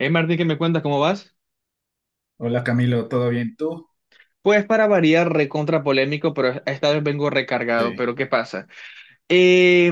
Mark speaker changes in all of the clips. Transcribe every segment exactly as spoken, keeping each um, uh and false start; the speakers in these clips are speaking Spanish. Speaker 1: Hey Martín, ¿qué me cuentas? ¿Cómo vas?
Speaker 2: Hola Camilo, ¿todo bien tú?
Speaker 1: Pues para variar, recontra polémico, pero esta vez vengo recargado.
Speaker 2: Sí,
Speaker 1: ¿Pero qué pasa? Eh,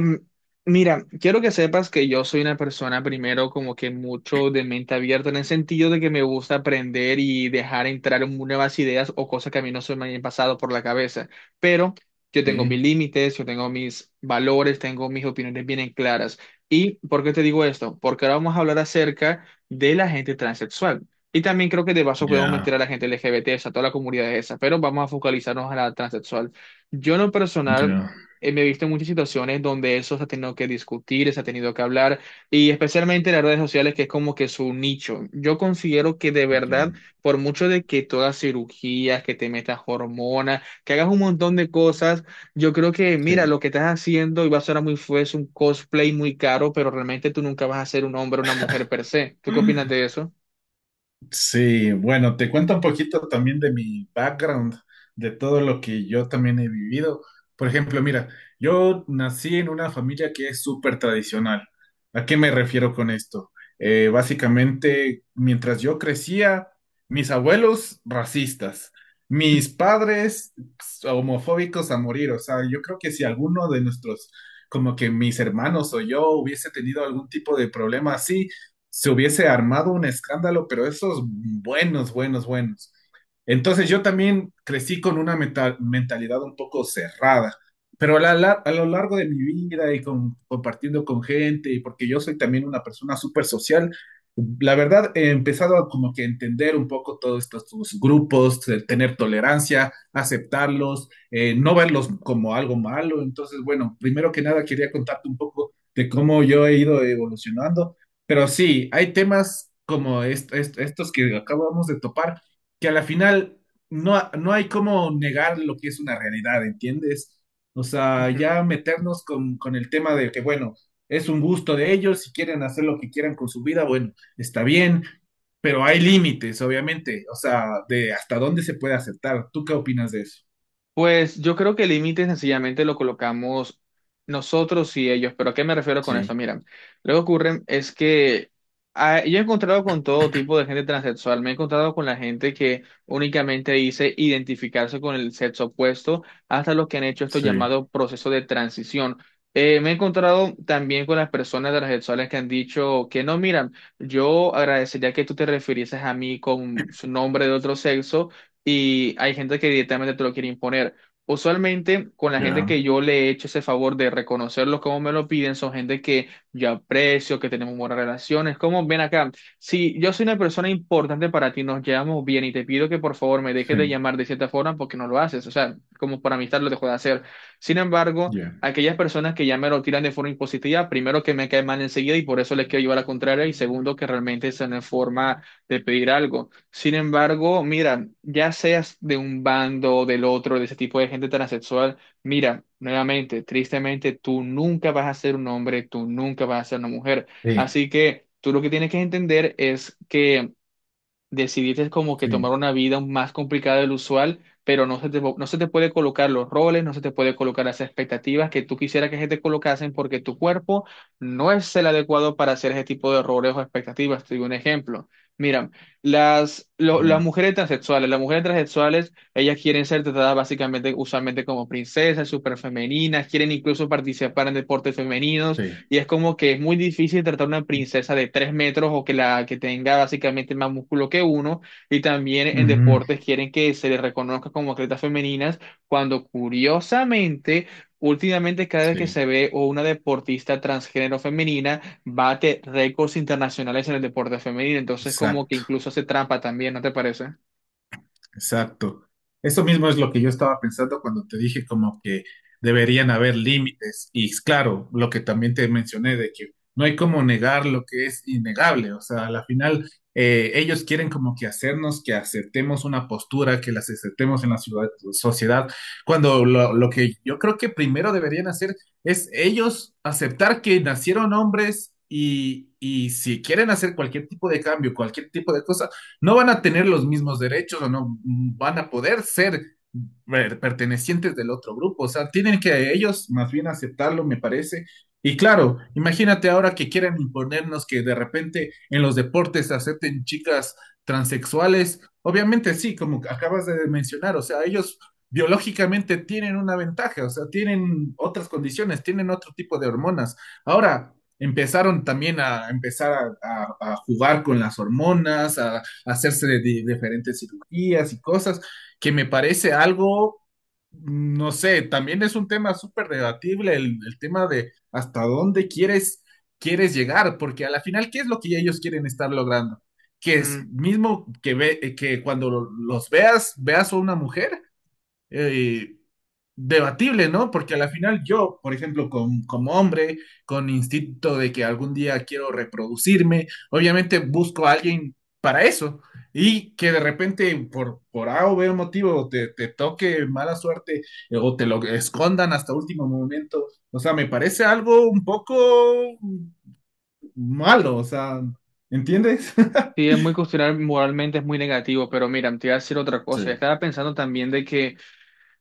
Speaker 1: Mira, quiero que sepas que yo soy una persona primero como que mucho de mente abierta en el sentido de que me gusta aprender y dejar entrar en nuevas ideas o cosas que a mí no se me hayan pasado por la cabeza. Pero yo tengo
Speaker 2: sí,
Speaker 1: mis límites, yo tengo mis valores, tengo mis opiniones bien claras. ¿Y por qué te digo esto? Porque ahora vamos a hablar acerca de la gente transexual. Y también creo que de paso podemos
Speaker 2: ya,
Speaker 1: meter a la gente L G B T, a toda la comunidad esa, pero vamos a focalizarnos a la transexual. Yo en lo personal
Speaker 2: ya,
Speaker 1: eh, me he visto en muchas situaciones donde eso se ha tenido que discutir, se ha tenido que hablar, y especialmente en las redes sociales, que es como que su nicho. Yo considero que de verdad,
Speaker 2: ya,
Speaker 1: por mucho de que tú hagas cirugías, que te metas hormonas, que hagas un montón de cosas, yo creo que, mira, lo
Speaker 2: sí.
Speaker 1: que estás haciendo, y va a sonar muy feo, es un cosplay muy caro, pero realmente tú nunca vas a ser un hombre o una mujer per se. ¿Tú qué opinas de eso?
Speaker 2: Sí, bueno, te cuento un poquito también de mi background, de todo lo que yo también he vivido. Por ejemplo, mira, yo nací en una familia que es súper tradicional. ¿A qué me refiero con esto? Eh, básicamente, mientras yo crecía, mis abuelos racistas, mis padres homofóbicos a morir. O sea, yo creo que si alguno de nuestros, como que mis hermanos o yo hubiese tenido algún tipo de problema así, se hubiese armado un escándalo, pero esos buenos, buenos, buenos. Entonces yo también crecí con una meta- mentalidad un poco cerrada, pero a, la lar- a lo largo de mi vida y con- compartiendo con gente, y porque yo soy también una persona súper social, la verdad, he empezado a como que entender un poco todos estos sus grupos, eh, tener tolerancia, aceptarlos, eh, no verlos como algo malo. Entonces, bueno, primero que nada quería contarte un poco de cómo yo he ido evolucionando, pero sí, hay temas como est- est- estos que acabamos de topar, que a la final no, no hay cómo negar lo que es una realidad, ¿entiendes? O sea, ya meternos con, con el tema de que, bueno, es un gusto de ellos, si quieren hacer lo que quieran con su vida, bueno, está bien, pero hay límites, obviamente, o sea, de hasta dónde se puede aceptar. ¿Tú qué opinas de eso?
Speaker 1: Pues yo creo que el límite sencillamente lo colocamos nosotros y ellos, pero ¿a qué me refiero con esto?
Speaker 2: Sí,
Speaker 1: Mira, lo que ocurre es que ah, yo he encontrado con todo tipo de gente transexual, me he encontrado con la gente que únicamente dice identificarse con el sexo opuesto, hasta los que han hecho esto
Speaker 2: sí,
Speaker 1: llamado proceso de transición. Eh, me he encontrado también con las personas transexuales que han dicho que no, mira, yo agradecería que tú te refirieses a mí con su nombre de otro sexo y hay gente que directamente te lo quiere imponer. Usualmente, con la gente
Speaker 2: ya,
Speaker 1: que yo le he hecho ese favor de reconocerlo como me lo piden, son gente que yo aprecio, que tenemos buenas relaciones. Como ven acá, si yo soy una persona importante para ti, nos llevamos bien y te pido que por favor me dejes de
Speaker 2: sí,
Speaker 1: llamar de cierta forma porque no lo haces. O sea, como por amistad lo dejo de hacer. Sin embargo,
Speaker 2: ya,
Speaker 1: aquellas personas que ya me lo tiran de forma impositiva, primero que me cae mal enseguida y por eso les quiero llevar a la contraria, y segundo que realmente es una forma de pedir algo. Sin embargo, mira, ya seas de un bando, del otro, de ese tipo de gente transexual, mira, nuevamente, tristemente, tú nunca vas a ser un hombre, tú nunca vas a ser una mujer.
Speaker 2: sí,
Speaker 1: Así que tú lo que tienes que entender es que decidiste como que tomar
Speaker 2: sí,
Speaker 1: una vida más complicada del usual, pero no se te, no se te puede colocar los roles, no se te puede colocar las expectativas que tú quisieras que se te colocasen porque tu cuerpo no es el adecuado para hacer ese tipo de roles o expectativas. Te digo un ejemplo. Mira, las, lo-
Speaker 2: ya,
Speaker 1: las mujeres transexuales, las mujeres transexuales, ellas quieren ser tratadas básicamente, usualmente como princesas, súper femeninas, quieren incluso participar en deportes femeninos
Speaker 2: sí,
Speaker 1: y es como que es muy difícil tratar una princesa de tres metros o que la que tenga básicamente más músculo que uno. Y también en
Speaker 2: ujú,
Speaker 1: deportes quieren que se le reconozca como atletas femeninas, cuando curiosamente, últimamente cada vez que
Speaker 2: sí,
Speaker 1: se ve o una deportista transgénero femenina bate récords internacionales en el deporte femenino. Entonces como que
Speaker 2: exacto.
Speaker 1: incluso hace trampa también, ¿no te parece?
Speaker 2: Exacto. Eso mismo es lo que yo estaba pensando cuando te dije como que deberían haber límites. Y es claro, lo que también te mencioné de que no hay como negar lo que es innegable. O sea, a la final eh, ellos quieren como que hacernos que aceptemos una postura, que las aceptemos en la ciudad- sociedad, cuando lo, lo que yo creo que primero deberían hacer es ellos aceptar que nacieron hombres y, y si quieren hacer cualquier tipo de cambio, cualquier tipo de cosa no van a tener los mismos derechos o no van a poder ser per- pertenecientes del otro grupo. O sea, tienen que ellos más bien aceptarlo, me parece. Y claro, imagínate ahora que quieran imponernos que de repente en los deportes se acepten chicas transexuales. Obviamente sí, como acabas de mencionar, o sea, ellos biológicamente tienen una ventaja, o sea, tienen otras condiciones, tienen otro tipo de hormonas. Ahora, empezaron también a empezar a, a- a jugar con las hormonas, a hacerse de, di- diferentes cirugías y cosas, que me parece algo, no sé, también es un tema súper debatible el, el tema de hasta dónde quieres, quieres llegar, porque a la final, ¿qué es lo que ellos quieren estar logrando? Que es
Speaker 1: Mm.
Speaker 2: mismo que, ve, que cuando los veas, veas a una mujer eh, debatible, ¿no? Porque a la final yo, por ejemplo, con- como hombre, con instinto de que algún día quiero reproducirme, obviamente busco a alguien para eso. Y que de repente por, por A o B motivo te, te toque mala suerte eh, o te lo escondan hasta último momento. O sea, me parece algo un poco malo, o sea, ¿entiendes?
Speaker 1: Sí, es muy cuestionable, moralmente es muy negativo, pero mira, te iba a decir otra cosa.
Speaker 2: Sí,
Speaker 1: Estaba pensando también de que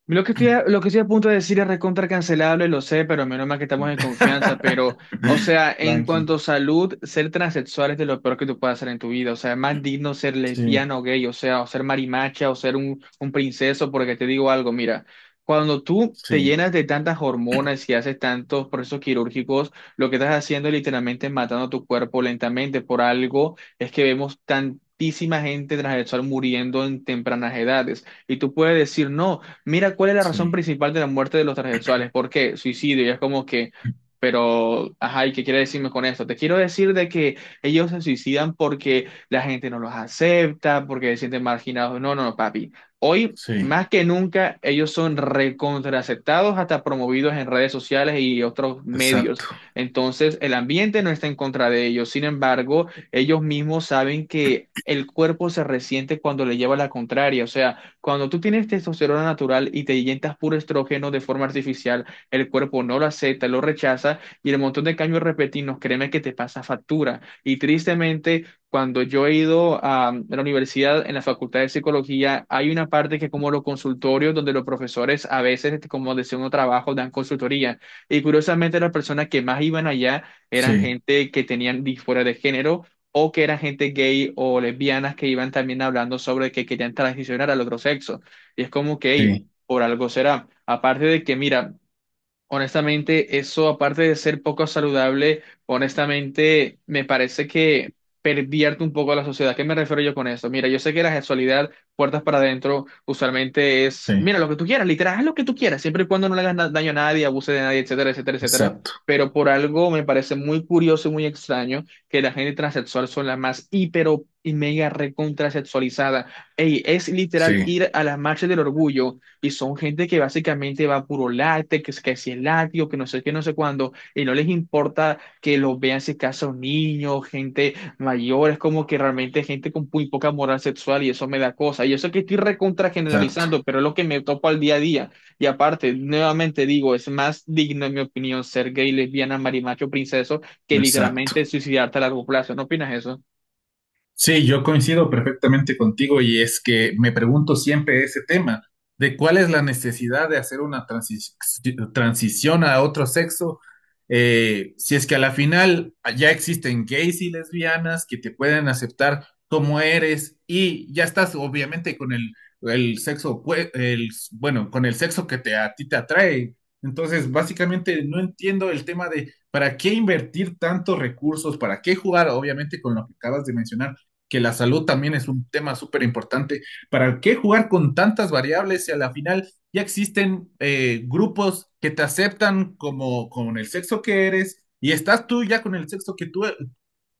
Speaker 1: Lo que estoy a, lo que estoy a punto de decir es recontra cancelable, lo sé, pero menos mal que estamos en confianza. Pero, o sea, en
Speaker 2: tranqui.
Speaker 1: cuanto a salud, ser transexual es de lo peor que tú puedas hacer en tu vida. O sea, es más digno ser
Speaker 2: Sí,
Speaker 1: lesbiano o gay, o sea, o ser marimacha, o ser un, un princeso, porque te digo algo, mira, cuando tú te
Speaker 2: sí,
Speaker 1: llenas de tantas hormonas y haces tantos procesos quirúrgicos, lo que estás haciendo es literalmente matando tu cuerpo lentamente. Por algo es que vemos tantísima gente transexual muriendo en tempranas edades. Y tú puedes decir, no mira, ¿cuál es la razón
Speaker 2: sí,
Speaker 1: principal de la muerte de los transexuales? ¿Por qué? Suicidio. Y es como que, pero, ajá, ¿y qué quiere decirme con esto? Te quiero decir de que ellos se suicidan porque la gente no los acepta, porque se sienten marginados. No, no, no, papi. Hoy,
Speaker 2: sí.
Speaker 1: más que nunca, ellos son recontraaceptados, hasta promovidos en redes sociales y otros medios.
Speaker 2: Exacto.
Speaker 1: Entonces, el ambiente no está en contra de ellos. Sin embargo, ellos mismos saben que… El cuerpo se resiente cuando le lleva la contraria, o sea, cuando tú tienes testosterona natural y te inyectas puro estrógeno de forma artificial, el cuerpo no lo acepta, lo rechaza y el montón de cambios repentinos, créeme que te pasa factura. Y tristemente, cuando yo he ido a la universidad, en la facultad de psicología, hay una parte que es como los consultorios, donde los profesores a veces, este, como de segundo trabajo, dan consultoría. Y curiosamente, las personas que más iban allá eran
Speaker 2: Sí,
Speaker 1: gente que tenían disforia de género o que eran gente gay o lesbianas que iban también hablando sobre que querían transicionar al otro sexo. Y es como que, hey,
Speaker 2: sí,
Speaker 1: por algo será. Aparte de que, mira, honestamente, eso aparte de ser poco saludable, honestamente me parece que pervierte un poco a la sociedad. ¿Qué me refiero yo con eso? Mira, yo sé que la sexualidad, puertas para adentro, usualmente es, mira,
Speaker 2: sí.
Speaker 1: lo que tú quieras, literal, haz lo que tú quieras, siempre y cuando no le hagas na- daño a nadie, abuse de nadie, etcétera, etcétera, etcétera.
Speaker 2: Exacto.
Speaker 1: Pero por algo me parece muy curioso y muy extraño que la gente transexual son las más hiper y mega recontrasexualizada. Ey, es literal
Speaker 2: Sí,
Speaker 1: ir a las marchas del orgullo y son gente que básicamente va a puro látex, que, es- que si es látigo, que no sé qué, no sé cuándo, y no les importa que los vean si casa un niño, gente mayor, es como que realmente gente con muy poca moral sexual y eso me da cosa. Y eso que estoy recontra
Speaker 2: exacto.
Speaker 1: generalizando, pero es lo que me topo al día a día. Y aparte, nuevamente digo, es más digno, en mi opinión, ser gay, lesbiana, marimacho, princeso, que
Speaker 2: Exacto.
Speaker 1: literalmente suicidarte a largo plazo. ¿No opinas eso?
Speaker 2: Sí, yo coincido perfectamente contigo y es que me pregunto siempre ese tema de cuál es la necesidad de hacer una transi- transición a otro sexo, eh, si es que a la final ya existen gays y lesbianas que te pueden aceptar como eres y ya estás obviamente con el, el sexo, opue- el, bueno, con el sexo que te, a ti te atrae. Entonces, básicamente no entiendo el tema de para qué invertir tantos recursos, para qué jugar, obviamente con lo que acabas de mencionar que la salud también es un tema súper importante. ¿Para qué jugar con tantas variables si a la final ya existen eh, grupos que te aceptan como con el sexo que eres y estás tú ya con el sexo que tú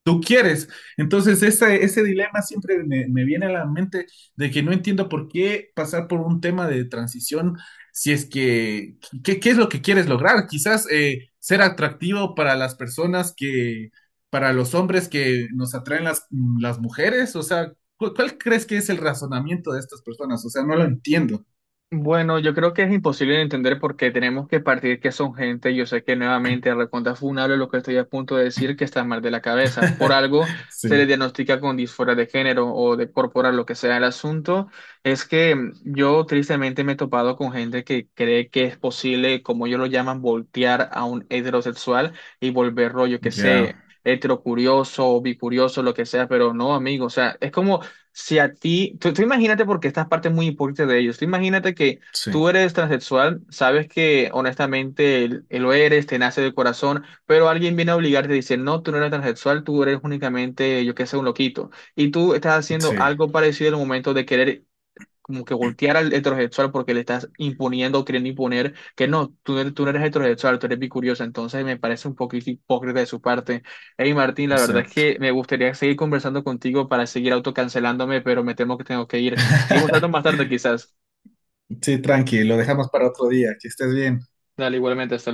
Speaker 2: tú quieres. Entonces, ese, ese dilema siempre me, me viene a la mente de que no entiendo por qué pasar por un tema de transición si es que, ¿qué, qué es lo que quieres lograr? Quizás eh, ser atractivo para las personas que, para los hombres que nos atraen las, las mujeres, o sea, ¿cu- ¿cuál crees que es el razonamiento de estas personas? O sea, no lo entiendo.
Speaker 1: Bueno, yo creo que es imposible de entender porque tenemos que partir que son gente. Yo sé que nuevamente recontra funable lo que estoy a punto de decir, que está mal de la cabeza. Por algo se le
Speaker 2: Sí,
Speaker 1: diagnostica con disforia de género o de corporal, lo que sea el asunto. Es que mm, yo tristemente me he topado con gente que cree que es posible, como ellos lo llaman, voltear a un heterosexual y volverlo, yo que
Speaker 2: ya,
Speaker 1: sé, heterocurioso o bicurioso, lo que sea, pero no, amigo. O sea, es como si a ti, tú, tú imagínate porque esta parte es muy importante de ellos. Tú imagínate que tú
Speaker 2: sí,
Speaker 1: eres transexual, sabes que honestamente el- el lo eres, te nace del corazón, pero alguien viene a obligarte a decir, no, tú no eres transexual, tú eres únicamente, yo qué sé, un loquito. Y tú estás haciendo
Speaker 2: sí,
Speaker 1: algo parecido en el momento de querer como que voltear al heterosexual porque le estás imponiendo o queriendo imponer que no, tú, no tú no eres heterosexual, tú eres bicuriosa, entonces me parece un poquito hipócrita de su parte. Hey Martín, la verdad es
Speaker 2: exacto.
Speaker 1: que me gustaría seguir conversando contigo para seguir autocancelándome, pero me temo que tengo que ir. Seguimos hablando más tarde quizás.
Speaker 2: Sí, tranqui, lo dejamos para otro día, que estés bien.
Speaker 1: Dale, igualmente, hasta